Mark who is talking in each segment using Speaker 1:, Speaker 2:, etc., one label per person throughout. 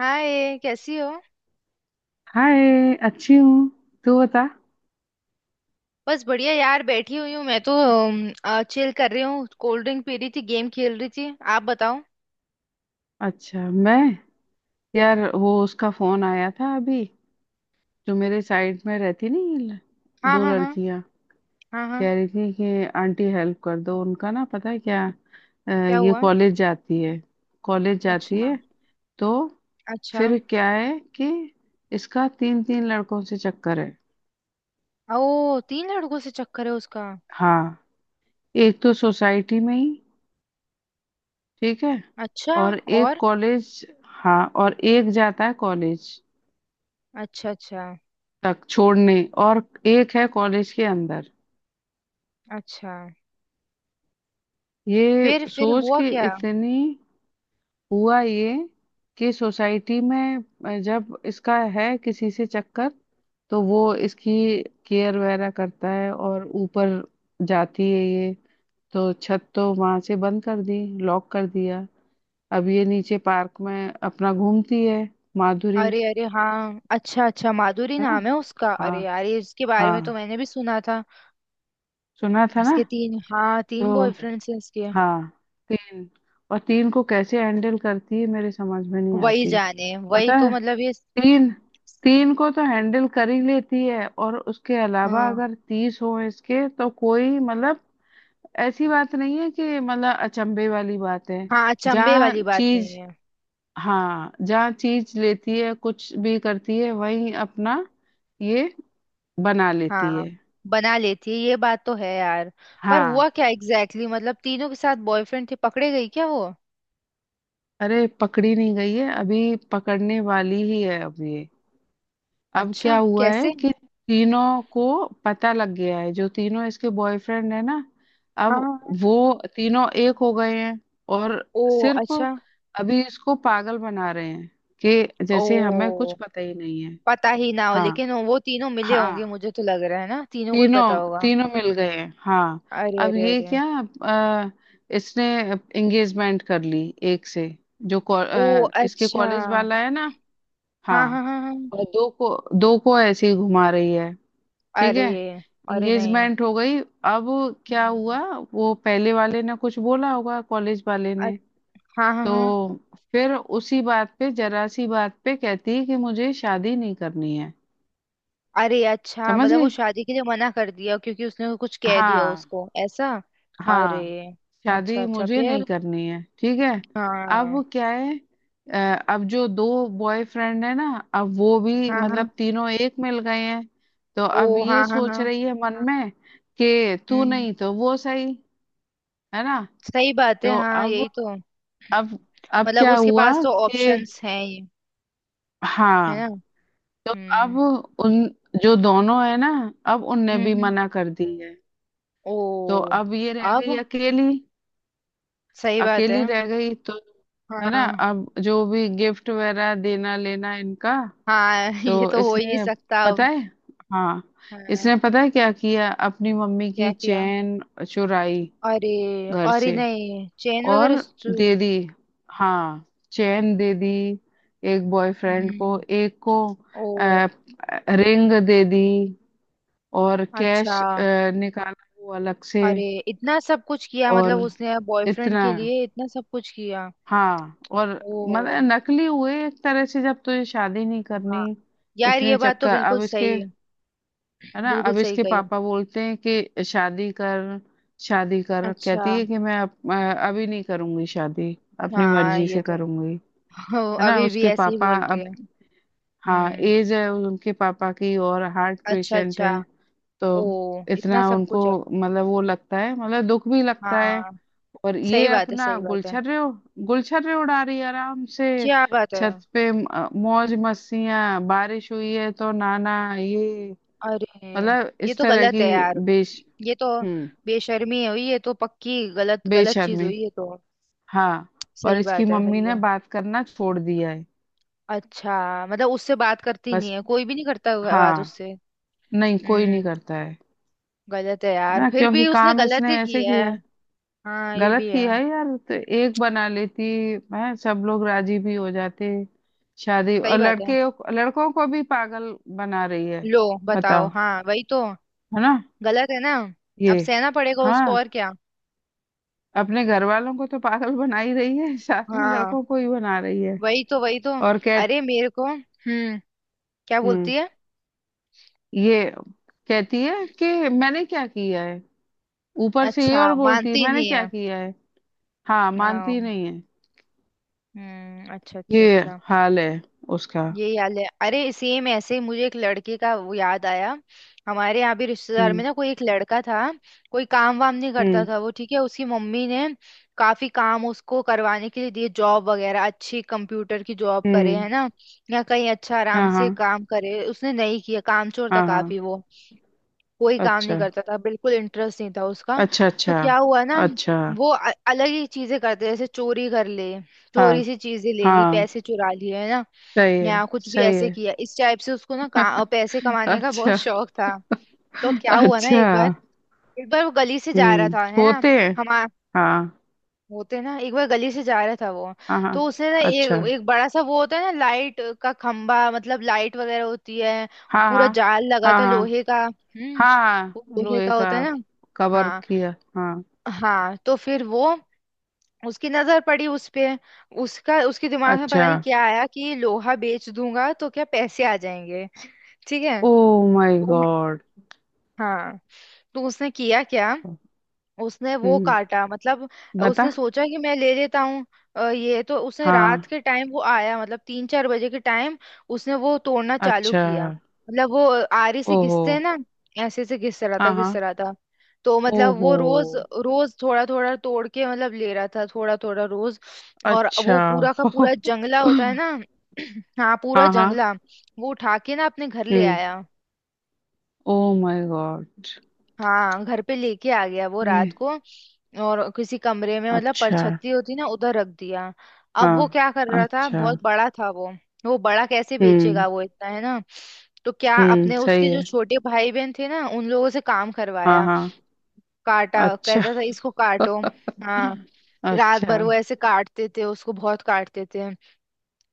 Speaker 1: हाय, कैसी हो।
Speaker 2: हाय, अच्छी हूँ। तू बता।
Speaker 1: बस बढ़िया यार, बैठी हुई हूँ मैं तो। चिल कर रही हूँ, कोल्ड ड्रिंक पी रही थी, गेम खेल रही थी। आप बताओ।
Speaker 2: अच्छा, मैं यार वो उसका फोन आया था अभी। जो मेरे साइड में रहती नहीं।
Speaker 1: हाँ,
Speaker 2: दो
Speaker 1: हाँ, हाँ।
Speaker 2: लड़कियां
Speaker 1: हाँ, हाँ।
Speaker 2: कह रही थी कि आंटी हेल्प कर दो। उनका ना पता है क्या,
Speaker 1: क्या
Speaker 2: ये
Speaker 1: हुआ?
Speaker 2: कॉलेज जाती है। कॉलेज जाती
Speaker 1: अच्छा।
Speaker 2: है तो
Speaker 1: अच्छा।
Speaker 2: फिर क्या है कि इसका तीन तीन लड़कों से चक्कर है।
Speaker 1: ओ, तीन लड़कों से चक्कर है उसका।
Speaker 2: हाँ, एक तो सोसाइटी में ही, ठीक है,
Speaker 1: अच्छा।
Speaker 2: और एक
Speaker 1: और?
Speaker 2: कॉलेज, हाँ, और एक जाता है कॉलेज
Speaker 1: अच्छा। अच्छा।
Speaker 2: तक छोड़ने, और एक है कॉलेज के अंदर।
Speaker 1: अच्छा।
Speaker 2: ये
Speaker 1: फिर
Speaker 2: सोच
Speaker 1: हुआ
Speaker 2: के
Speaker 1: क्या?
Speaker 2: इतनी हुआ ये कि सोसाइटी में जब इसका है किसी से चक्कर, तो वो इसकी केयर वगैरह करता है, और ऊपर जाती है ये तो छत तो वहां से बंद कर दी, लॉक कर दिया। अब ये नीचे पार्क में अपना घूमती है, माधुरी।
Speaker 1: अरे, अरे, हाँ, अच्छा। अच्छा, माधुरी
Speaker 2: है ना।
Speaker 1: नाम है उसका। अरे
Speaker 2: हाँ,
Speaker 1: यार, ये इसके बारे में तो
Speaker 2: हाँ,
Speaker 1: मैंने भी सुना था।
Speaker 2: सुना था ना।
Speaker 1: इसके तीन, हाँ, तीन
Speaker 2: तो
Speaker 1: बॉयफ्रेंड्स हैं इसके।
Speaker 2: हाँ, तीन, और तीन को कैसे हैंडल करती है मेरे समझ में नहीं
Speaker 1: वही
Speaker 2: आती।
Speaker 1: जाने, वही
Speaker 2: पता
Speaker 1: तो
Speaker 2: है,
Speaker 1: मतलब, ये।
Speaker 2: तीन, तीन को तो हैंडल कर ही लेती है, और उसके अलावा
Speaker 1: हाँ,
Speaker 2: अगर 30 हो इसके तो कोई मतलब, ऐसी बात नहीं है कि मतलब अचंभे वाली बात है।
Speaker 1: हाँ, अचंभे
Speaker 2: जहाँ
Speaker 1: वाली बात नहीं
Speaker 2: चीज,
Speaker 1: है।
Speaker 2: हाँ जहाँ चीज लेती है, कुछ भी करती है, वहीं अपना ये बना लेती
Speaker 1: हाँ,
Speaker 2: है।
Speaker 1: बना लेती है, ये बात तो है यार। पर हुआ
Speaker 2: हाँ।
Speaker 1: क्या एग्जैक्टली exactly? मतलब तीनों के साथ बॉयफ्रेंड थे, पकड़े गई क्या वो?
Speaker 2: अरे, पकड़ी नहीं गई है, अभी पकड़ने वाली ही है। अब ये, अब
Speaker 1: अच्छा,
Speaker 2: क्या हुआ है
Speaker 1: कैसे?
Speaker 2: कि तीनों को पता लग गया है, जो तीनों इसके बॉयफ्रेंड है ना, अब
Speaker 1: हाँ, हाँ।
Speaker 2: वो तीनों एक हो गए हैं, और
Speaker 1: ओ
Speaker 2: सिर्फ
Speaker 1: अच्छा।
Speaker 2: अभी इसको पागल बना रहे हैं कि
Speaker 1: ओ,
Speaker 2: जैसे हमें कुछ पता ही नहीं है।
Speaker 1: पता ही ना हो,
Speaker 2: हाँ,
Speaker 1: लेकिन वो तीनों मिले होंगे
Speaker 2: हाँ,
Speaker 1: मुझे तो लग रहा है ना, तीनों को ही पता
Speaker 2: तीनों
Speaker 1: होगा।
Speaker 2: तीनों मिल गए हैं। हाँ।
Speaker 1: अरे,
Speaker 2: अब
Speaker 1: अरे,
Speaker 2: ये
Speaker 1: अरे।
Speaker 2: क्या, अ, इसने एंगेजमेंट कर ली एक से, जो को,
Speaker 1: ओ
Speaker 2: इसके
Speaker 1: अच्छा।
Speaker 2: कॉलेज वाला है ना। हाँ।
Speaker 1: हाँ, हाँ, हाँ, हाँ।
Speaker 2: और दो को, दो को ऐसे ही घुमा रही है, ठीक
Speaker 1: अरे,
Speaker 2: है।
Speaker 1: अरे नहीं।
Speaker 2: एंगेजमेंट हो गई। अब क्या हुआ,
Speaker 1: हम्म।
Speaker 2: वो पहले वाले ने कुछ बोला होगा कॉलेज वाले
Speaker 1: अ-
Speaker 2: ने,
Speaker 1: हाँ, हाँ,
Speaker 2: तो
Speaker 1: हाँ।
Speaker 2: फिर उसी बात पे, जरा सी बात पे कहती है कि मुझे शादी नहीं करनी है।
Speaker 1: अरे अच्छा,
Speaker 2: समझ
Speaker 1: मतलब वो
Speaker 2: गई।
Speaker 1: शादी के लिए मना कर दिया क्योंकि उसने कुछ कह दिया
Speaker 2: हाँ,
Speaker 1: उसको ऐसा। अरे।
Speaker 2: हाँ,
Speaker 1: अच्छा।
Speaker 2: शादी
Speaker 1: अच्छा।
Speaker 2: मुझे
Speaker 1: फिर?
Speaker 2: नहीं करनी है, ठीक है। अब
Speaker 1: हाँ।
Speaker 2: क्या है, अब जो दो बॉयफ्रेंड है ना, अब वो भी
Speaker 1: हाँ, हाँ।
Speaker 2: मतलब तीनों एक मिल गए हैं, तो
Speaker 1: ओ,
Speaker 2: अब ये
Speaker 1: हाँ, हाँ,
Speaker 2: सोच
Speaker 1: हाँ।
Speaker 2: रही है मन में कि तू
Speaker 1: हम्म,
Speaker 2: नहीं तो वो सही। है ना।
Speaker 1: सही बात है,
Speaker 2: तो
Speaker 1: हाँ
Speaker 2: अब,
Speaker 1: यही तो।
Speaker 2: अब अब
Speaker 1: मतलब
Speaker 2: क्या
Speaker 1: उसके
Speaker 2: हुआ
Speaker 1: पास तो
Speaker 2: कि,
Speaker 1: ऑप्शंस हैं ये, है ना।
Speaker 2: हाँ, तो अब
Speaker 1: हम्म,
Speaker 2: उन, जो दोनों है ना, अब उनने
Speaker 1: हम्म,
Speaker 2: भी
Speaker 1: हम्म।
Speaker 2: मना कर दी है,
Speaker 1: ओ।
Speaker 2: तो अब ये रह गई
Speaker 1: अब
Speaker 2: अकेली।
Speaker 1: सही बात है।
Speaker 2: अकेली रह गई तो, है ना,
Speaker 1: हाँ,
Speaker 2: अब जो भी गिफ्ट वगैरह देना लेना इनका,
Speaker 1: हाँ।
Speaker 2: तो
Speaker 1: ये तो हो ही नहीं
Speaker 2: इसने,
Speaker 1: सकता
Speaker 2: पता
Speaker 1: अब।
Speaker 2: है, हाँ, इसने
Speaker 1: हाँ।
Speaker 2: पता है क्या किया, अपनी मम्मी की
Speaker 1: क्या किया?
Speaker 2: चेन चुराई
Speaker 1: अरे।
Speaker 2: घर
Speaker 1: अरे
Speaker 2: से,
Speaker 1: नहीं, चेन वगैरह
Speaker 2: और
Speaker 1: चूर।
Speaker 2: दे दी, हाँ, चैन दे दी एक बॉयफ्रेंड को,
Speaker 1: हम्म।
Speaker 2: एक को
Speaker 1: ओ।
Speaker 2: रिंग दे दी, और
Speaker 1: अच्छा।
Speaker 2: कैश निकाला वो अलग से।
Speaker 1: अरे, इतना सब कुछ किया? मतलब
Speaker 2: और
Speaker 1: उसने बॉयफ्रेंड
Speaker 2: इतना,
Speaker 1: के लिए इतना सब कुछ किया।
Speaker 2: हाँ, और मतलब
Speaker 1: ओ।
Speaker 2: नकली हुए एक तरह से, जब तुझे शादी नहीं
Speaker 1: हाँ
Speaker 2: करनी।
Speaker 1: यार, ये
Speaker 2: इतने
Speaker 1: बात तो
Speaker 2: चक्कर
Speaker 1: बिल्कुल
Speaker 2: अब इसके।
Speaker 1: सही है।
Speaker 2: है ना।
Speaker 1: बिल्कुल
Speaker 2: अब
Speaker 1: सही
Speaker 2: इसके
Speaker 1: कही।
Speaker 2: पापा बोलते हैं कि शादी कर, शादी कर,
Speaker 1: अच्छा।
Speaker 2: कहती है कि मैं अभी नहीं करूंगी शादी, अपनी
Speaker 1: हाँ,
Speaker 2: मर्जी
Speaker 1: ये
Speaker 2: से
Speaker 1: तो
Speaker 2: करूंगी।
Speaker 1: ओ,
Speaker 2: है ना।
Speaker 1: अभी भी
Speaker 2: उसके
Speaker 1: ऐसे ही
Speaker 2: पापा
Speaker 1: बोल रही
Speaker 2: अब,
Speaker 1: है।
Speaker 2: हाँ,
Speaker 1: हम्म।
Speaker 2: एज है उनके पापा की और हार्ट
Speaker 1: अच्छा।
Speaker 2: पेशेंट
Speaker 1: अच्छा।
Speaker 2: है। तो
Speaker 1: ओ, इतना
Speaker 2: इतना
Speaker 1: सब
Speaker 2: उनको,
Speaker 1: कुछ है।
Speaker 2: मतलब वो लगता है, मतलब दुख भी लगता है,
Speaker 1: हाँ,
Speaker 2: और ये
Speaker 1: सही बात है,
Speaker 2: अपना
Speaker 1: सही बात है।
Speaker 2: गुलछर्रे, गुलछर्रे उड़ा रही है आराम से।
Speaker 1: क्या बात है।
Speaker 2: छत पे मौज मस्तियां, बारिश हुई है तो नाना ये,
Speaker 1: अरे।
Speaker 2: मतलब
Speaker 1: ये
Speaker 2: इस
Speaker 1: तो
Speaker 2: तरह
Speaker 1: गलत
Speaker 2: की
Speaker 1: है यार।
Speaker 2: बेश
Speaker 1: ये तो
Speaker 2: हम्म
Speaker 1: बेशर्मी हुई, ये तो पक्की गलत गलत चीज
Speaker 2: बेशर्मी।
Speaker 1: हुई ये तो।
Speaker 2: हाँ। और
Speaker 1: सही
Speaker 2: इसकी
Speaker 1: बात है,
Speaker 2: मम्मी
Speaker 1: सही
Speaker 2: ने
Speaker 1: है।
Speaker 2: बात करना छोड़ दिया है।
Speaker 1: अच्छा, मतलब उससे बात करती नहीं
Speaker 2: बस।
Speaker 1: है? कोई भी नहीं करता होगा बात
Speaker 2: हाँ,
Speaker 1: उससे।
Speaker 2: नहीं, कोई नहीं
Speaker 1: हम्म।
Speaker 2: करता है।
Speaker 1: गलत है
Speaker 2: है
Speaker 1: यार,
Speaker 2: ना,
Speaker 1: फिर
Speaker 2: क्योंकि
Speaker 1: भी उसने
Speaker 2: काम
Speaker 1: गलत
Speaker 2: इसने
Speaker 1: ही की
Speaker 2: ऐसे
Speaker 1: है।
Speaker 2: किया है,
Speaker 1: हाँ, ये
Speaker 2: गलत
Speaker 1: भी है।
Speaker 2: किया है यार। तो एक बना लेती, है, सब लोग राजी भी हो जाते, शादी, और
Speaker 1: सही बात है।
Speaker 2: लड़के, लड़कों को भी पागल बना रही है।
Speaker 1: लो बताओ,
Speaker 2: बताओ।
Speaker 1: हाँ वही तो।
Speaker 2: है ना।
Speaker 1: गलत है ना।
Speaker 2: ये,
Speaker 1: अब सहना पड़ेगा उसको,
Speaker 2: हाँ,
Speaker 1: और क्या।
Speaker 2: अपने घर वालों को तो पागल बना ही रही है, साथ में
Speaker 1: हाँ,
Speaker 2: लड़कों को ही बना रही है।
Speaker 1: वही तो, वही तो।
Speaker 2: और कह,
Speaker 1: अरे मेरे को हम्म, क्या
Speaker 2: हम्म,
Speaker 1: बोलती है?
Speaker 2: ये कहती है कि मैंने क्या किया है। ऊपर से ये
Speaker 1: अच्छा,
Speaker 2: और बोलती है,
Speaker 1: मानती
Speaker 2: मैंने
Speaker 1: नहीं
Speaker 2: क्या
Speaker 1: है।
Speaker 2: किया है। हाँ,
Speaker 1: आ,
Speaker 2: मानती नहीं है।
Speaker 1: हम्म। अच्छा। अच्छा।
Speaker 2: ये
Speaker 1: अच्छा।
Speaker 2: हाल है उसका।
Speaker 1: ये याद है, अरे सेम ऐसे ही मुझे एक लड़के का वो याद आया। हमारे यहाँ भी रिश्तेदार में
Speaker 2: हम्म।
Speaker 1: ना, कोई एक लड़का था। कोई काम वाम नहीं करता
Speaker 2: हम्म।
Speaker 1: था वो, ठीक है। उसकी मम्मी ने काफी काम उसको करवाने के लिए दिए, जॉब वगैरह अच्छी, कंप्यूटर की जॉब करे,
Speaker 2: हम्म।
Speaker 1: है ना। या कहीं अच्छा आराम
Speaker 2: हाँ, हाँ,
Speaker 1: से काम करे, उसने नहीं किया। कामचोर था
Speaker 2: हाँ, हाँ।
Speaker 1: काफी वो। कोई काम नहीं
Speaker 2: अच्छा,
Speaker 1: करता था, बिल्कुल इंटरेस्ट नहीं था उसका।
Speaker 2: अच्छा, अच्छा।
Speaker 1: तो क्या हुआ ना,
Speaker 2: अच्छा।
Speaker 1: वो अलग ही चीजें करते, जैसे चोरी कर ले।
Speaker 2: हाँ,
Speaker 1: चोरी से चीजें ले ली,
Speaker 2: हाँ।
Speaker 1: पैसे चुरा लिए, है ना।
Speaker 2: सही है,
Speaker 1: या कुछ भी
Speaker 2: सही
Speaker 1: ऐसे
Speaker 2: है।
Speaker 1: किया इस टाइप से, उसको ना पैसे कमाने का बहुत
Speaker 2: अच्छा,
Speaker 1: शौक था। तो क्या हुआ ना,
Speaker 2: अच्छा।
Speaker 1: एक बार। एक बार वो गली से जा रहा
Speaker 2: हम्म,
Speaker 1: था, है ना।
Speaker 2: होते हैं।
Speaker 1: हम।
Speaker 2: हाँ,
Speaker 1: होते हैं ना, एक बार गली से जा रहा था वो।
Speaker 2: हाँ, हाँ।
Speaker 1: तो उसने ना,
Speaker 2: अच्छा।
Speaker 1: एक एक बड़ा सा वो होता है ना, लाइट का खंबा मतलब, लाइट वगैरह होती है।
Speaker 2: हाँ,
Speaker 1: पूरा
Speaker 2: हाँ,
Speaker 1: जाल लगा
Speaker 2: हाँ,
Speaker 1: होता है
Speaker 2: हाँ।
Speaker 1: लोहे का। हम्म।
Speaker 2: हाँ,
Speaker 1: वो
Speaker 2: हाँ,
Speaker 1: लोहे
Speaker 2: लोहे
Speaker 1: का
Speaker 2: का।
Speaker 1: होता है ना।
Speaker 2: कवर
Speaker 1: हाँ,
Speaker 2: किया। हाँ।
Speaker 1: हाँ। तो फिर वो, उसकी नजर पड़ी उस पे। उसका उसके दिमाग में पता
Speaker 2: अच्छा।
Speaker 1: नहीं क्या आया कि लोहा बेच दूंगा तो क्या पैसे आ जाएंगे। ठीक है।
Speaker 2: ओ माय
Speaker 1: तो
Speaker 2: गॉड।
Speaker 1: हाँ, तो उसने किया क्या। उसने वो
Speaker 2: हम्म,
Speaker 1: काटा मतलब,
Speaker 2: बता।
Speaker 1: उसने सोचा कि मैं ले लेता हूँ। ये तो उसने रात
Speaker 2: हाँ।
Speaker 1: के टाइम वो आया मतलब, 3-4 बजे के टाइम। उसने वो तोड़ना चालू
Speaker 2: अच्छा।
Speaker 1: किया, मतलब वो आरी से
Speaker 2: ओहो।
Speaker 1: घिसते हैं ना। ऐसे से घिस रहा था,
Speaker 2: हाँ,
Speaker 1: घिस
Speaker 2: हाँ।
Speaker 1: रहा था। तो मतलब वो
Speaker 2: ओहो।
Speaker 1: रोज रोज थोड़ा थोड़ा तोड़ के मतलब, ले रहा था थोड़ा थोड़ा रोज। और
Speaker 2: अच्छा।
Speaker 1: वो पूरा का पूरा जंगला होता है ना। हाँ, पूरा
Speaker 2: हाँ, हाँ।
Speaker 1: जंगला वो उठा के ना अपने घर ले
Speaker 2: हम्म।
Speaker 1: आया।
Speaker 2: Oh my god.
Speaker 1: हाँ, घर पे लेके आ गया वो रात
Speaker 2: ये,
Speaker 1: को। और किसी कमरे में मतलब,
Speaker 2: अच्छा,
Speaker 1: परछत्ती होती ना, उधर रख दिया। अब वो
Speaker 2: हाँ।
Speaker 1: क्या कर रहा था,
Speaker 2: अच्छा।
Speaker 1: बहुत बड़ा था वो बड़ा कैसे
Speaker 2: हम्म।
Speaker 1: बेचेगा वो इतना, है ना। तो क्या,
Speaker 2: हम्म,
Speaker 1: अपने
Speaker 2: सही
Speaker 1: उसके जो
Speaker 2: है।
Speaker 1: छोटे भाई बहन थे ना, उन लोगों से काम
Speaker 2: हाँ,
Speaker 1: करवाया।
Speaker 2: हाँ।
Speaker 1: काटा,
Speaker 2: अच्छा।
Speaker 1: कहता था इसको काटो। हाँ, रात
Speaker 2: अच्छा।
Speaker 1: भर वो ऐसे काटते थे उसको, बहुत काटते थे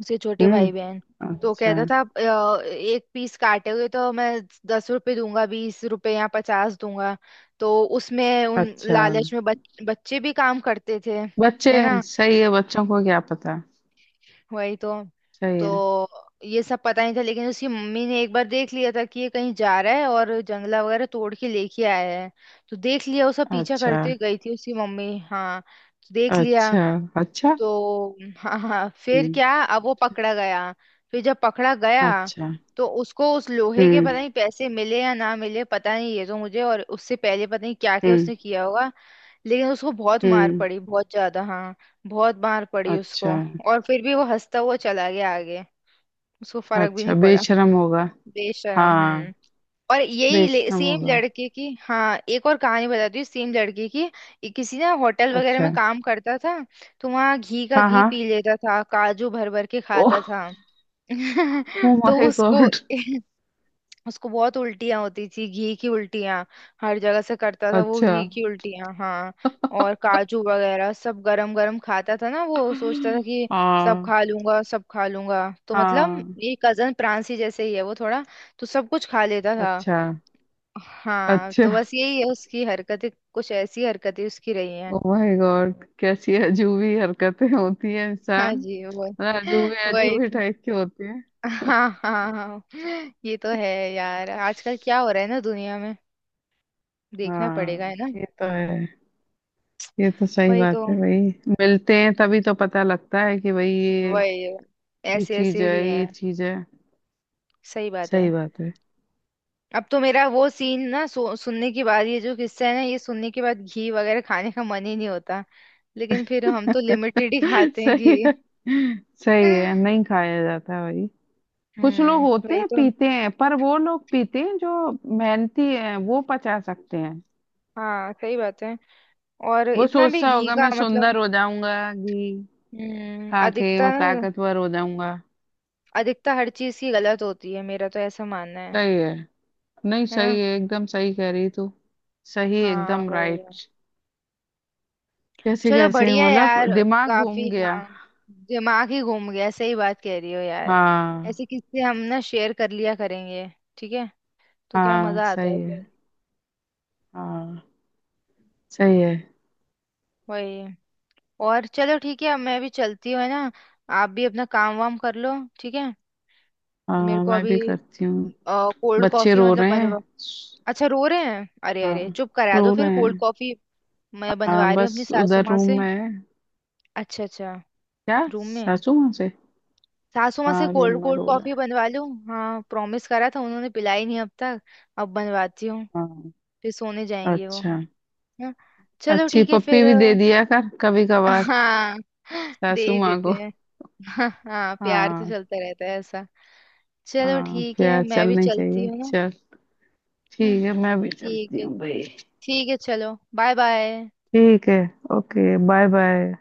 Speaker 1: उसके छोटे
Speaker 2: हम्म।
Speaker 1: भाई बहन। तो
Speaker 2: अच्छा,
Speaker 1: कहता था, एक पीस काटे हुए तो मैं 10 रुपए दूंगा, 20 रुपए या पचास दूंगा।" तो उसमें उन
Speaker 2: अच्छा,
Speaker 1: लालच में बच्चे भी काम करते थे।
Speaker 2: बच्चे।
Speaker 1: है ना,
Speaker 2: सही है, बच्चों को क्या पता।
Speaker 1: वही तो।
Speaker 2: सही है।
Speaker 1: तो ये सब पता नहीं था, लेकिन उसकी मम्मी ने एक बार देख लिया था कि ये कहीं जा रहा है और जंगला वगैरह तोड़ के लेके आया है। तो देख लिया, उसका पीछा
Speaker 2: अच्छा,
Speaker 1: करते हुए गई थी उसकी मम्मी। हाँ, तो देख लिया।
Speaker 2: अच्छा, अच्छा।
Speaker 1: तो हाँ, हाँ। फिर
Speaker 2: हम्म।
Speaker 1: क्या, अब वो पकड़ा गया। फिर जब पकड़ा गया,
Speaker 2: अच्छा।
Speaker 1: तो उसको उस लोहे के पता
Speaker 2: हम्म,
Speaker 1: नहीं पैसे मिले या ना मिले, पता नहीं ये तो मुझे, और उससे पहले पता नहीं क्या क्या
Speaker 2: हम्म,
Speaker 1: उसने किया होगा। लेकिन उसको बहुत मार
Speaker 2: हम्म।
Speaker 1: पड़ी, बहुत ज्यादा, हाँ, बहुत मार पड़ी
Speaker 2: अच्छा।
Speaker 1: उसको। और फिर भी वो हंसता हुआ चला गया आगे, उसको फर्क भी
Speaker 2: अच्छा,
Speaker 1: नहीं पड़ा।
Speaker 2: बेशरम होगा।
Speaker 1: बेशरम,
Speaker 2: हाँ।
Speaker 1: हम्म। और यही
Speaker 2: बेशरम
Speaker 1: सेम
Speaker 2: होगा।
Speaker 1: लड़के की, हाँ एक और कहानी बताती हूँ सेम लड़के की। ये किसी ना होटल वगैरह में
Speaker 2: अच्छा।
Speaker 1: काम करता था, तो वहाँ घी का
Speaker 2: हाँ,
Speaker 1: घी
Speaker 2: हाँ।
Speaker 1: पी लेता था, काजू भर भर के
Speaker 2: ओह।
Speaker 1: खाता था।
Speaker 2: ओ
Speaker 1: तो
Speaker 2: माय
Speaker 1: उसको
Speaker 2: गॉड।
Speaker 1: उसको बहुत उल्टियाँ होती थी, घी की उल्टियाँ। हर जगह से करता था वो
Speaker 2: अच्छा।
Speaker 1: घी की उल्टियाँ, हाँ। और काजू वगैरह सब गरम गरम खाता था ना, वो सोचता था कि सब
Speaker 2: हाँ,
Speaker 1: खा लूंगा, सब खा लूंगा। तो मतलब
Speaker 2: हाँ।
Speaker 1: ये कजन प्रांसी जैसे ही है वो थोड़ा, तो सब कुछ खा लेता था।
Speaker 2: अच्छा।
Speaker 1: हाँ,
Speaker 2: अच्छा।
Speaker 1: तो बस यही है उसकी हरकतें, कुछ ऐसी हरकतें उसकी रही हैं।
Speaker 2: ओ माय गॉड, कैसी अजूबी हरकतें होती है
Speaker 1: हाँ
Speaker 2: इंसान,
Speaker 1: जी वो,
Speaker 2: मतलब अजूबे
Speaker 1: वही
Speaker 2: अजूबे
Speaker 1: तो।
Speaker 2: टाइप के होते हैं।
Speaker 1: हाँ, हाँ, हाँ। ये तो है यार, आजकल क्या हो रहा है ना दुनिया में। देखना पड़ेगा, है
Speaker 2: हाँ,
Speaker 1: ना।
Speaker 2: ये तो है। ये तो सही
Speaker 1: वही तो,
Speaker 2: बात है भाई। मिलते हैं तभी तो पता लगता है कि भाई ये
Speaker 1: वही,
Speaker 2: ये
Speaker 1: ऐसे
Speaker 2: चीज
Speaker 1: ऐसे
Speaker 2: है,
Speaker 1: भी हैं।
Speaker 2: ये चीज है।
Speaker 1: सही बात
Speaker 2: सही
Speaker 1: है।
Speaker 2: बात है।
Speaker 1: अब तो मेरा वो सीन ना सुनने के बाद, ये जो किस्सा है ना, ये सुनने के बाद घी वगैरह खाने का मन ही नहीं होता। लेकिन फिर हम तो लिमिटेड ही खाते हैं घी।
Speaker 2: सही है। सही है, नहीं खाया जाता भाई। कुछ लोग
Speaker 1: हम्म,
Speaker 2: होते
Speaker 1: वही
Speaker 2: हैं,
Speaker 1: तो।
Speaker 2: पीते हैं, पर वो लोग पीते हैं जो मेहनती हैं, वो पचा सकते हैं।
Speaker 1: हाँ, सही बात है। और
Speaker 2: वो
Speaker 1: इतना भी
Speaker 2: सोचता
Speaker 1: घी
Speaker 2: होगा
Speaker 1: का
Speaker 2: मैं
Speaker 1: मतलब,
Speaker 2: सुंदर हो जाऊंगा, घी
Speaker 1: हम्म,
Speaker 2: खा के
Speaker 1: अधिकता
Speaker 2: मैं
Speaker 1: ना।
Speaker 2: ताकतवर हो जाऊंगा।
Speaker 1: अधिकता हर चीज की गलत होती है, मेरा तो ऐसा मानना है।
Speaker 2: सही है। नहीं,
Speaker 1: है ना।
Speaker 2: सही है, एकदम सही कह रही तू। सही,
Speaker 1: हाँ,
Speaker 2: एकदम
Speaker 1: वही है।
Speaker 2: राइट। कैसे
Speaker 1: चलो
Speaker 2: कैसे,
Speaker 1: बढ़िया
Speaker 2: मतलब
Speaker 1: यार,
Speaker 2: दिमाग
Speaker 1: काफी,
Speaker 2: घूम गया।
Speaker 1: हाँ, दिमाग ही घूम गया। सही बात कह रही हो यार।
Speaker 2: हाँ।
Speaker 1: ऐसे किससे हम ना शेयर कर लिया करेंगे, ठीक है। तो क्या
Speaker 2: हाँ,
Speaker 1: मजा आता है
Speaker 2: सही है।
Speaker 1: फिर,
Speaker 2: हाँ, सही है।
Speaker 1: वही। और चलो ठीक है, अब मैं भी चलती हूँ, है ना। आप भी अपना काम वाम कर लो, ठीक है। मेरे
Speaker 2: हाँ,
Speaker 1: को
Speaker 2: मैं
Speaker 1: अभी
Speaker 2: भी करती हूँ।
Speaker 1: कोल्ड
Speaker 2: बच्चे
Speaker 1: कॉफी
Speaker 2: रो
Speaker 1: मतलब
Speaker 2: रहे हैं।
Speaker 1: बनवा। अच्छा, रो रहे हैं। अरे,
Speaker 2: हाँ,
Speaker 1: अरे चुप करा दो,
Speaker 2: रो
Speaker 1: फिर
Speaker 2: रहे
Speaker 1: कोल्ड
Speaker 2: हैं।
Speaker 1: कॉफी मैं बनवा
Speaker 2: हाँ,
Speaker 1: रही हूँ
Speaker 2: बस
Speaker 1: अपनी सासू
Speaker 2: उधर
Speaker 1: माँ
Speaker 2: रूम
Speaker 1: से।
Speaker 2: में है।
Speaker 1: अच्छा। अच्छा।
Speaker 2: क्या
Speaker 1: रूम में है।
Speaker 2: सासू माँ से।
Speaker 1: सासू माँ से
Speaker 2: हाँ, रूम
Speaker 1: कोल्ड
Speaker 2: में
Speaker 1: कोल्ड
Speaker 2: रो रहा
Speaker 1: कॉफी
Speaker 2: है।
Speaker 1: बनवा लूँ। हाँ, प्रॉमिस करा था, उन्होंने पिलाई नहीं अब तक। अब बनवाती हूँ,
Speaker 2: हाँ।
Speaker 1: फिर सोने जाएंगे वो।
Speaker 2: अच्छा।
Speaker 1: हाँ। चलो
Speaker 2: अच्छी
Speaker 1: ठीक है
Speaker 2: पप्पी
Speaker 1: फिर।
Speaker 2: भी दे दिया कर कभी कभार
Speaker 1: हाँ, दे
Speaker 2: सासू
Speaker 1: ही
Speaker 2: माँ
Speaker 1: देते
Speaker 2: को।
Speaker 1: हैं। हाँ, हाँ, प्यार तो
Speaker 2: हाँ,
Speaker 1: चलता रहता है ऐसा। चलो
Speaker 2: हाँ,
Speaker 1: ठीक है,
Speaker 2: प्यार
Speaker 1: मैं भी
Speaker 2: चलनी
Speaker 1: चलती
Speaker 2: चाहिए,
Speaker 1: हूँ ना।
Speaker 2: चल,
Speaker 1: हम्म,
Speaker 2: ठीक है, मैं भी
Speaker 1: ठीक
Speaker 2: चलती
Speaker 1: है।
Speaker 2: हूँ भाई।
Speaker 1: ठीक है, चलो बाय बाय।
Speaker 2: ठीक है। Okay, bye bye.